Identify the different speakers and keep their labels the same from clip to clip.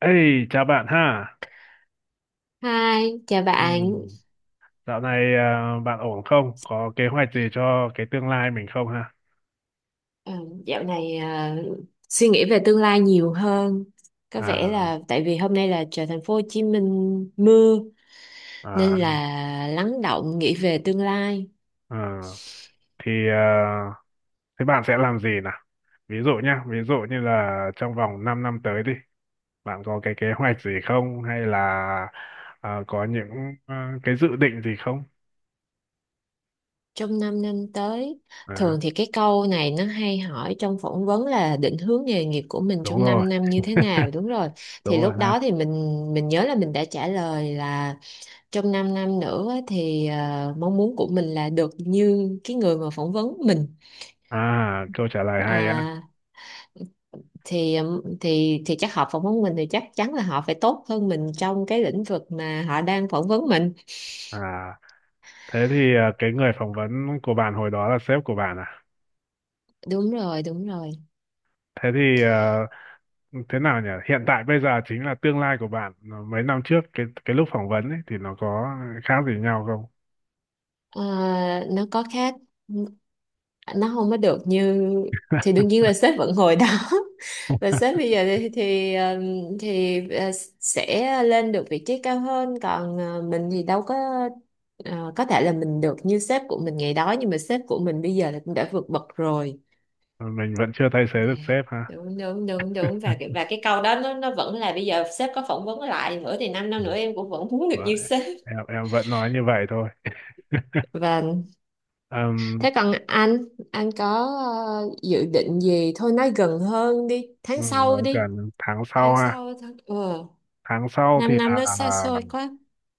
Speaker 1: Ê, chào bạn ha.
Speaker 2: Hi, chào bạn.
Speaker 1: Ừm, Dạo này bạn ổn không? Có kế hoạch gì cho cái tương lai mình không ha?
Speaker 2: Ờ, Dạo này suy nghĩ về tương lai nhiều hơn. Có vẻ
Speaker 1: À,
Speaker 2: là tại vì hôm nay là trời thành phố Hồ Chí Minh mưa
Speaker 1: à,
Speaker 2: nên là lắng động nghĩ về tương lai
Speaker 1: à. Thì thế bạn sẽ làm gì nào? Ví dụ nhá, ví dụ như là trong vòng 5 năm tới đi, bạn có cái kế hoạch gì không? Hay là có những cái dự định gì không?
Speaker 2: trong 5 năm tới.
Speaker 1: À,
Speaker 2: Thường thì cái câu này nó hay hỏi trong phỏng vấn là định hướng nghề nghiệp của mình
Speaker 1: đúng
Speaker 2: trong
Speaker 1: rồi,
Speaker 2: 5 năm như thế nào, đúng rồi. Thì
Speaker 1: đúng rồi
Speaker 2: lúc
Speaker 1: ha.
Speaker 2: đó thì mình nhớ là mình đã trả lời là trong 5 năm nữa thì mong muốn của mình là được như cái người mà phỏng vấn mình.
Speaker 1: À, câu trả lời hay á.
Speaker 2: À, thì thì chắc họ phỏng vấn mình thì chắc chắn là họ phải tốt hơn mình trong cái lĩnh vực mà họ đang phỏng vấn mình.
Speaker 1: À, thế thì cái người phỏng vấn của bạn hồi đó là sếp của bạn à?
Speaker 2: Đúng rồi, đúng rồi.
Speaker 1: Thế thì thế nào nhỉ? Hiện tại bây giờ chính là tương lai của bạn. Ờ, mấy năm trước cái lúc phỏng vấn ấy thì nó có khác gì nhau không?
Speaker 2: Ờ, nó có khác, nó không có được như, thì đương nhiên là sếp vẫn ngồi đó và sếp bây giờ thì sẽ lên được vị trí cao hơn, còn mình thì đâu có. Có thể là mình được như sếp của mình ngày đó nhưng mà sếp của mình bây giờ là cũng đã vượt bậc rồi.
Speaker 1: Ờ, mình vẫn chưa thay thế
Speaker 2: À,
Speaker 1: được sếp ha.
Speaker 2: đúng đúng đúng đúng. Và cái câu đó nó vẫn là bây giờ sếp có phỏng vấn lại nữa thì 5 năm năm
Speaker 1: Ừ.
Speaker 2: nữa em cũng vẫn muốn được
Speaker 1: Vậy.
Speaker 2: như sếp.
Speaker 1: Em vẫn nói như vậy thôi.
Speaker 2: Và
Speaker 1: Ừm,
Speaker 2: thế còn anh có dự định gì, thôi nói gần hơn đi,
Speaker 1: ừ,
Speaker 2: tháng
Speaker 1: nói
Speaker 2: sau đi.
Speaker 1: gần tháng sau
Speaker 2: Tháng
Speaker 1: ha.
Speaker 2: sau, tháng,
Speaker 1: Tháng sau thì
Speaker 2: 5 năm
Speaker 1: là
Speaker 2: nó xa xôi quá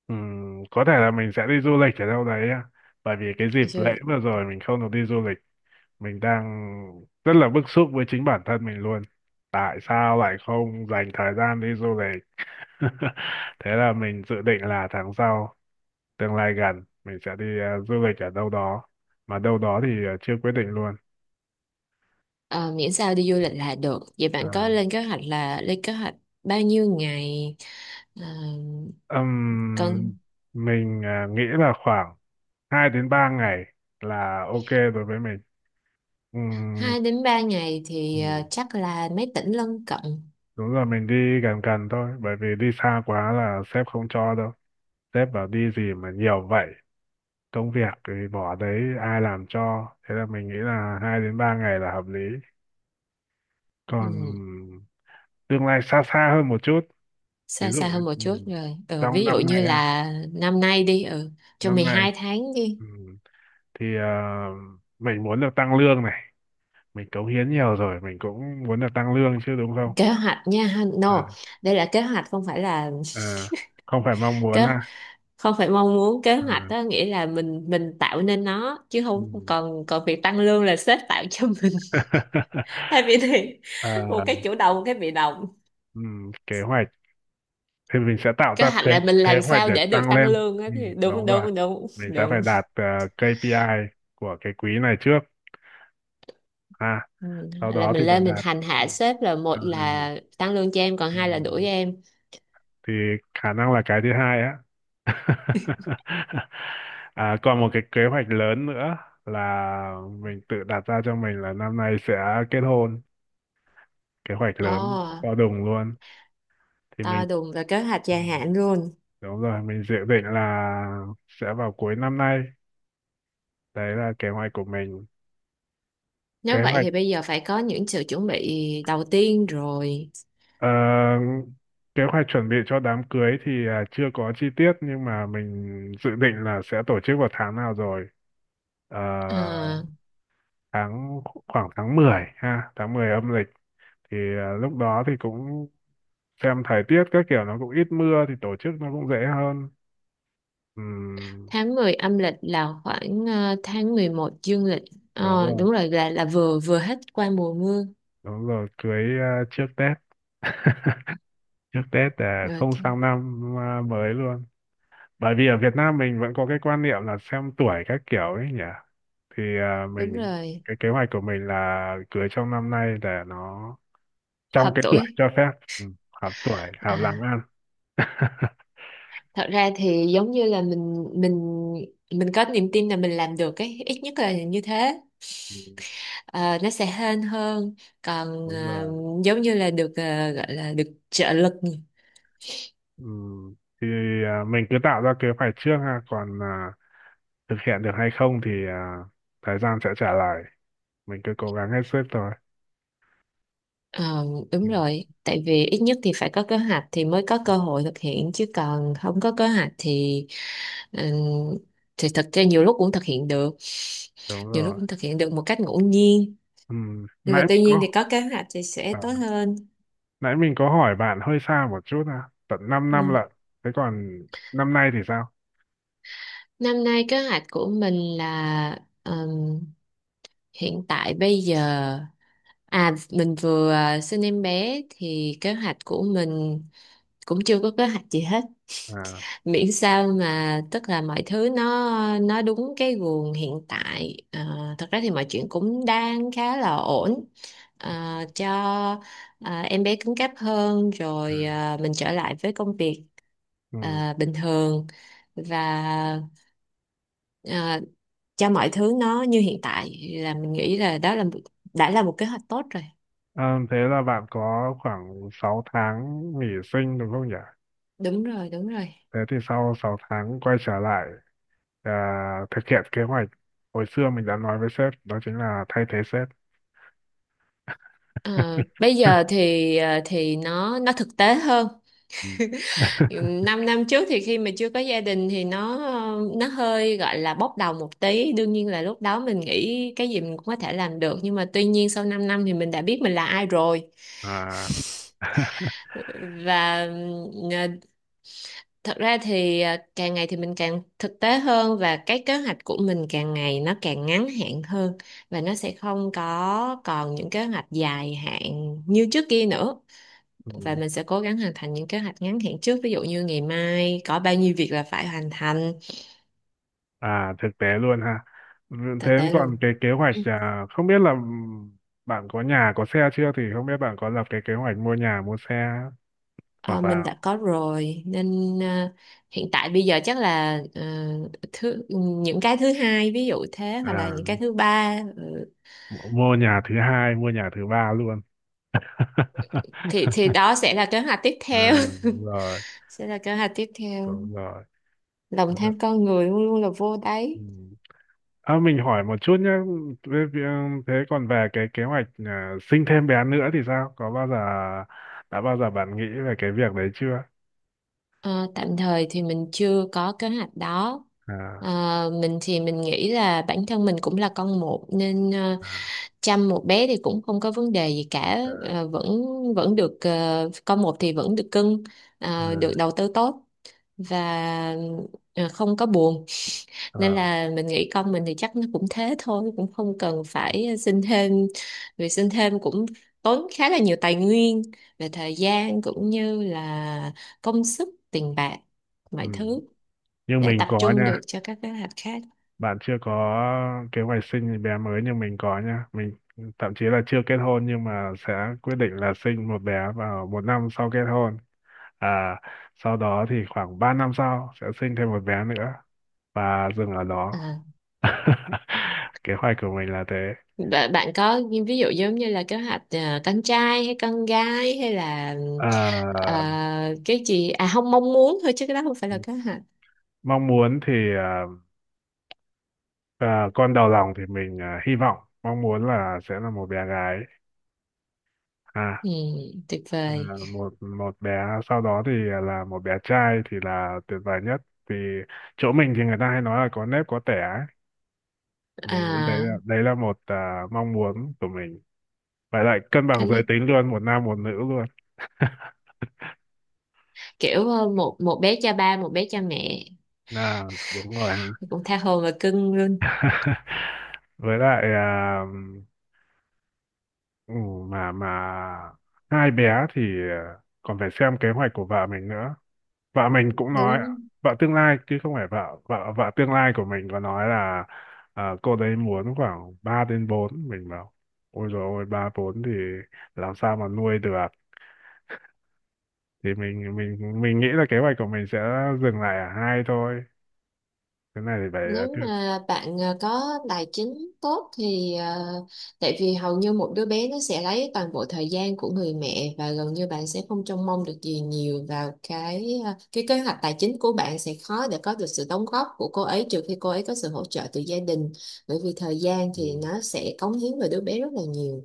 Speaker 1: có thể là mình sẽ đi du lịch ở đâu đấy á. Bởi vì cái dịp lễ
Speaker 2: rồi.
Speaker 1: vừa rồi mình không được đi du lịch, mình đang rất là bức xúc với chính bản thân mình luôn, tại sao lại không dành thời gian đi du lịch. Thế là mình dự định là tháng sau, tương lai gần mình sẽ đi du lịch ở đâu đó, mà đâu đó thì chưa quyết định luôn.
Speaker 2: Ờ, Miễn sao đi du lịch là được. Vậy
Speaker 1: À,
Speaker 2: bạn có lên kế hoạch, là lên kế hoạch bao nhiêu ngày? Ờ,
Speaker 1: ừm,
Speaker 2: Còn
Speaker 1: mình nghĩ là khoảng 2 đến 3 ngày là ok đối với mình. Ừm,
Speaker 2: 2 đến 3 ngày thì
Speaker 1: ừm,
Speaker 2: chắc là mấy tỉnh lân cận.
Speaker 1: đúng rồi, mình đi gần gần thôi bởi vì đi xa quá là sếp không cho đâu, sếp bảo đi gì mà nhiều vậy, công việc thì bỏ đấy ai làm cho, thế là mình nghĩ là hai đến ba ngày là hợp lý. Còn
Speaker 2: Ừ.
Speaker 1: tương lai xa xa hơn một chút, ví
Speaker 2: Xa
Speaker 1: dụ
Speaker 2: xa hơn một
Speaker 1: ừ,
Speaker 2: chút rồi,
Speaker 1: trong
Speaker 2: ví dụ
Speaker 1: năm
Speaker 2: như
Speaker 1: nay ha,
Speaker 2: là năm nay đi, trong
Speaker 1: năm
Speaker 2: mười
Speaker 1: nay
Speaker 2: hai tháng đi.
Speaker 1: ừ, thì mình muốn được tăng lương này, mình cống hiến nhiều rồi mình cũng muốn được tăng lương chứ đúng không.
Speaker 2: Kế hoạch nha ha. No,
Speaker 1: à,
Speaker 2: đây là kế hoạch không phải là,
Speaker 1: à, không phải mong muốn
Speaker 2: kế
Speaker 1: là
Speaker 2: không phải mong muốn. Kế
Speaker 1: à,
Speaker 2: hoạch đó nghĩa là mình tạo nên nó chứ
Speaker 1: ừ.
Speaker 2: không, còn còn việc tăng lương là sếp tạo cho mình. Hai vị thì
Speaker 1: Ờ,
Speaker 2: một cái chủ động, một cái bị động.
Speaker 1: ừ, kế hoạch thì mình sẽ tạo
Speaker 2: Kế
Speaker 1: ra
Speaker 2: hoạch
Speaker 1: kế
Speaker 2: là mình
Speaker 1: kế
Speaker 2: làm
Speaker 1: hoạch
Speaker 2: sao
Speaker 1: để
Speaker 2: để được
Speaker 1: tăng
Speaker 2: tăng
Speaker 1: lên.
Speaker 2: lương á,
Speaker 1: Ừ,
Speaker 2: thì đúng
Speaker 1: đúng rồi,
Speaker 2: đúng đúng
Speaker 1: mình sẽ phải
Speaker 2: đúng.
Speaker 1: đạt KPI của cái quý này trước à
Speaker 2: Ừ,
Speaker 1: sau
Speaker 2: là
Speaker 1: đó thì
Speaker 2: mình
Speaker 1: phải
Speaker 2: lên mình
Speaker 1: đạt.
Speaker 2: hành
Speaker 1: Ừ,
Speaker 2: hạ sếp, là một
Speaker 1: à, hay.
Speaker 2: là tăng lương cho em, còn
Speaker 1: Ừ,
Speaker 2: hai là đuổi em.
Speaker 1: thì khả năng là cái thứ hai á. À, còn một cái kế hoạch lớn nữa là mình tự đặt ra cho mình, là năm nay sẽ kết hôn, kế hoạch
Speaker 2: Ồ,
Speaker 1: lớn to đùng luôn. Thì mình
Speaker 2: to đùng và kế hoạch
Speaker 1: ừ,
Speaker 2: dài hạn luôn.
Speaker 1: đúng rồi, mình dự định là sẽ vào cuối năm nay, đấy là kế hoạch của mình. kế
Speaker 2: Nếu vậy
Speaker 1: hoạch
Speaker 2: thì bây giờ phải có những sự chuẩn bị đầu tiên rồi.
Speaker 1: ờ, kế hoạch chuẩn bị cho đám cưới thì chưa có chi tiết nhưng mà mình dự định là sẽ tổ chức vào tháng nào rồi. Ờ,
Speaker 2: Ờ,
Speaker 1: tháng khoảng tháng 10 ha, tháng 10 âm lịch, thì lúc đó thì cũng xem thời tiết các kiểu, nó cũng ít mưa thì tổ chức nó cũng dễ hơn. Ừm,
Speaker 2: Tháng 10 âm lịch là khoảng tháng 11 dương lịch.
Speaker 1: đúng rồi,
Speaker 2: Đúng rồi, là vừa vừa hết qua mùa mưa.
Speaker 1: đúng rồi, cưới trước Tết, trước Tết để không
Speaker 2: Ok,
Speaker 1: sang năm mới luôn, bởi vì ở Việt Nam mình vẫn có cái quan niệm là xem tuổi các kiểu ấy nhỉ. Thì
Speaker 2: đúng
Speaker 1: mình,
Speaker 2: rồi.
Speaker 1: cái kế hoạch của mình là cưới trong năm nay để nó trong
Speaker 2: Hợp
Speaker 1: cái tuổi
Speaker 2: tuổi.
Speaker 1: cho phép. Ừ, hợp tuổi
Speaker 2: À,
Speaker 1: hợp làm ăn.
Speaker 2: thật ra thì giống như là mình có niềm tin là mình làm được ấy, ít nhất là như thế.
Speaker 1: Ừ,
Speaker 2: Ờ, nó sẽ hên hơn, còn
Speaker 1: đúng rồi
Speaker 2: giống như là được, gọi là được trợ lực.
Speaker 1: ừ. Thì mình cứ tạo ra kế hoạch trước ha, còn thực hiện được hay không thì thời gian sẽ trả lời, mình cứ cố gắng hết sức thôi.
Speaker 2: Ờ, Đúng
Speaker 1: Ừ,
Speaker 2: rồi, tại vì ít nhất thì phải có kế hoạch thì mới có cơ hội thực hiện, chứ còn không có kế hoạch ừm, thì thật ra nhiều lúc cũng thực hiện được,
Speaker 1: đúng
Speaker 2: nhiều
Speaker 1: rồi.
Speaker 2: lúc cũng thực hiện được một cách ngẫu nhiên,
Speaker 1: ừ.
Speaker 2: nhưng
Speaker 1: nãy
Speaker 2: mà
Speaker 1: mình
Speaker 2: tuy nhiên
Speaker 1: có
Speaker 2: thì có kế hoạch thì sẽ
Speaker 1: à,
Speaker 2: tốt hơn.
Speaker 1: Nãy mình có hỏi bạn hơi xa một chút, à, tận 5 năm
Speaker 2: Ừ.
Speaker 1: lận. Thế còn năm nay thì sao?
Speaker 2: Năm nay kế hoạch của mình là, hiện tại bây giờ mình vừa sinh em bé thì kế hoạch của mình cũng chưa có kế hoạch gì hết.
Speaker 1: À,
Speaker 2: Miễn sao, mà tức là mọi thứ nó đúng cái guồng hiện tại, thật ra thì mọi chuyện cũng đang khá là ổn. Cho em bé cứng cáp hơn rồi,
Speaker 1: ừ.
Speaker 2: mình trở lại với công việc
Speaker 1: Ừ.
Speaker 2: bình thường, và à, cho mọi thứ nó như hiện tại là mình nghĩ là đó là đã là một kế hoạch tốt rồi.
Speaker 1: Ờ, thế là bạn có khoảng 6 tháng nghỉ sinh đúng không nhỉ?
Speaker 2: Đúng rồi, đúng rồi.
Speaker 1: Thế thì sau 6 tháng quay trở lại à, thực hiện kế hoạch hồi xưa mình đã nói với sếp, đó chính là thay thế sếp.
Speaker 2: Ờ, Bây giờ thì nó thực tế hơn.
Speaker 1: Ừ.
Speaker 2: 5 năm trước thì khi mà chưa có gia đình thì nó hơi gọi là bốc đồng một tí, đương nhiên là lúc đó mình nghĩ cái gì mình cũng có thể làm được, nhưng mà tuy nhiên sau 5 năm thì mình đã biết mình là ai rồi.
Speaker 1: À,
Speaker 2: Và ờ, thật ra thì càng ngày thì mình càng thực tế hơn, và cái kế hoạch của mình càng ngày nó càng ngắn hạn hơn, và nó sẽ không có còn những kế hoạch dài hạn như trước kia nữa, và mình sẽ cố gắng hoàn thành những kế hoạch ngắn hạn trước, ví dụ như ngày mai có bao nhiêu việc là phải hoàn thành.
Speaker 1: à, thực tế luôn ha. Thế
Speaker 2: Thực tế
Speaker 1: còn
Speaker 2: luôn.
Speaker 1: cái kế hoạch
Speaker 2: Ừ.
Speaker 1: không biết là bạn có nhà có xe chưa, thì không biết bạn có lập cái kế hoạch mua nhà mua xe,
Speaker 2: Ờ,
Speaker 1: hoặc
Speaker 2: mình
Speaker 1: là
Speaker 2: đã có rồi, nên hiện tại bây giờ chắc là thứ những cái thứ hai ví dụ thế, hoặc là
Speaker 1: à,
Speaker 2: những cái thứ ba. Ừ.
Speaker 1: mua nhà thứ hai, mua nhà thứ ba luôn.
Speaker 2: thì đó sẽ là kế hoạch tiếp
Speaker 1: À,
Speaker 2: theo.
Speaker 1: đúng rồi,
Speaker 2: Sẽ là kế hoạch tiếp theo.
Speaker 1: đúng rồi.
Speaker 2: Lòng
Speaker 1: Đúng rồi.
Speaker 2: tham con người luôn luôn là vô đáy.
Speaker 1: Ừ. À, mình hỏi một chút nhé, thế thế còn về cái kế hoạch sinh thêm bé nữa thì sao? Có bao giờ đã bao giờ bạn nghĩ về cái việc đấy chưa?
Speaker 2: Ờ, Tạm thời thì mình chưa có kế hoạch đó.
Speaker 1: À,
Speaker 2: Ờ, mình thì mình nghĩ là bản thân mình cũng là con một, nên
Speaker 1: à,
Speaker 2: chăm một bé thì cũng không có vấn đề gì cả.
Speaker 1: à,
Speaker 2: Ờ, Vẫn vẫn được, con một thì vẫn được cưng,
Speaker 1: à,
Speaker 2: được đầu tư tốt và không có buồn. Nên
Speaker 1: à.
Speaker 2: là mình nghĩ con mình thì chắc nó cũng thế thôi, cũng không cần phải xin thêm, vì xin thêm cũng tốn khá là nhiều tài nguyên về thời gian cũng như là công sức, tiền bạc,
Speaker 1: Ừ.
Speaker 2: mọi thứ,
Speaker 1: Nhưng
Speaker 2: để
Speaker 1: mình
Speaker 2: tập
Speaker 1: có
Speaker 2: trung được
Speaker 1: nha,
Speaker 2: cho các kế hoạch khác.
Speaker 1: bạn chưa có kế hoạch sinh bé mới nhưng mình có nha. Mình thậm chí là chưa kết hôn nhưng mà sẽ quyết định là sinh một bé vào một năm sau kết hôn. À, sau đó thì khoảng 3 năm sau sẽ sinh thêm một bé nữa và dừng ở đó.
Speaker 2: À.
Speaker 1: Kế hoạch của mình là thế.
Speaker 2: Bạn bạn có những ví dụ giống như là kế hoạch con trai hay con gái, hay là
Speaker 1: À,
Speaker 2: cái gì không? Mong muốn thôi chứ cái đó không phải là kế hoạch.
Speaker 1: mong muốn thì con đầu lòng thì mình hy vọng, mong muốn là sẽ là một bé gái. À.
Speaker 2: Ừ, tuyệt
Speaker 1: À,
Speaker 2: vời.
Speaker 1: một một bé, sau đó thì là một bé trai thì là tuyệt vời nhất, vì chỗ mình thì người ta hay nói là có nếp có tẻ ấy. Mình nghĩ đấy
Speaker 2: à,
Speaker 1: là một mong muốn của mình, phải lại cân bằng giới tính luôn, một nam một nữ luôn.
Speaker 2: Kiểu một một bé cha ba, một bé cha mẹ,
Speaker 1: Là đúng rồi.
Speaker 2: cũng tha hồ và cưng luôn.
Speaker 1: Với lại Ừ, mà hai bé thì còn phải xem kế hoạch của vợ mình nữa. Vợ mình cũng nói,
Speaker 2: Đúng,
Speaker 1: vợ tương lai, chứ không phải vợ, vợ tương lai của mình có nói là cô đấy muốn khoảng 3 đến bốn, mình bảo ôi rồi ôi, 3 4 thì làm sao mà nuôi được. Thì mình nghĩ là kế hoạch của mình sẽ dừng lại ở hai thôi. Cái này thì phải
Speaker 2: nếu mà bạn có tài chính tốt thì, tại vì hầu như một đứa bé nó sẽ lấy toàn bộ thời gian của người mẹ, và gần như bạn sẽ không trông mong được gì nhiều vào cái kế hoạch tài chính của bạn, sẽ khó để có được sự đóng góp của cô ấy, trừ khi cô ấy có sự hỗ trợ từ gia đình, bởi vì thời gian thì
Speaker 1: ừ,
Speaker 2: nó sẽ cống hiến vào đứa bé rất là nhiều.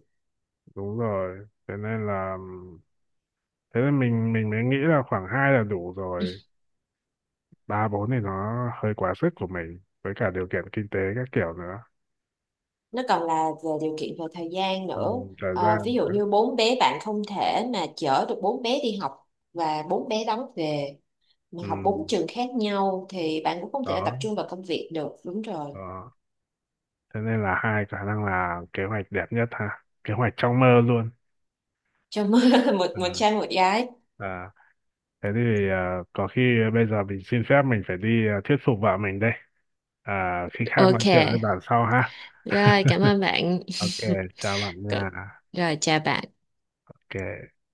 Speaker 1: đúng rồi. Thế nên là thế nên mình mới nghĩ là khoảng hai là đủ rồi, ba bốn thì nó hơi quá sức của mình, với cả điều kiện kinh tế các kiểu nữa.
Speaker 2: Nó còn là về điều kiện về thời gian
Speaker 1: Ừ,
Speaker 2: nữa.
Speaker 1: thời
Speaker 2: Ví
Speaker 1: gian
Speaker 2: dụ
Speaker 1: nữa.
Speaker 2: như bốn bé, bạn không thể mà chở được bốn bé đi học và bốn bé đón về, mà
Speaker 1: Ừ,
Speaker 2: học bốn trường khác nhau thì bạn cũng không thể tập
Speaker 1: đó
Speaker 2: trung vào công việc được. Đúng rồi.
Speaker 1: đó Thế nên là hai khả năng là kế hoạch đẹp nhất ha, kế hoạch trong mơ luôn.
Speaker 2: Cho một một
Speaker 1: à,
Speaker 2: trai một gái.
Speaker 1: à, Thế thì có khi bây giờ mình xin phép, mình phải đi thuyết phục vợ mình đây, khi khác nói
Speaker 2: Ok,
Speaker 1: chuyện với bạn sau ha.
Speaker 2: rồi cảm ơn bạn.
Speaker 1: Ok, chào bạn nha.
Speaker 2: Rồi chào bạn.
Speaker 1: Ok.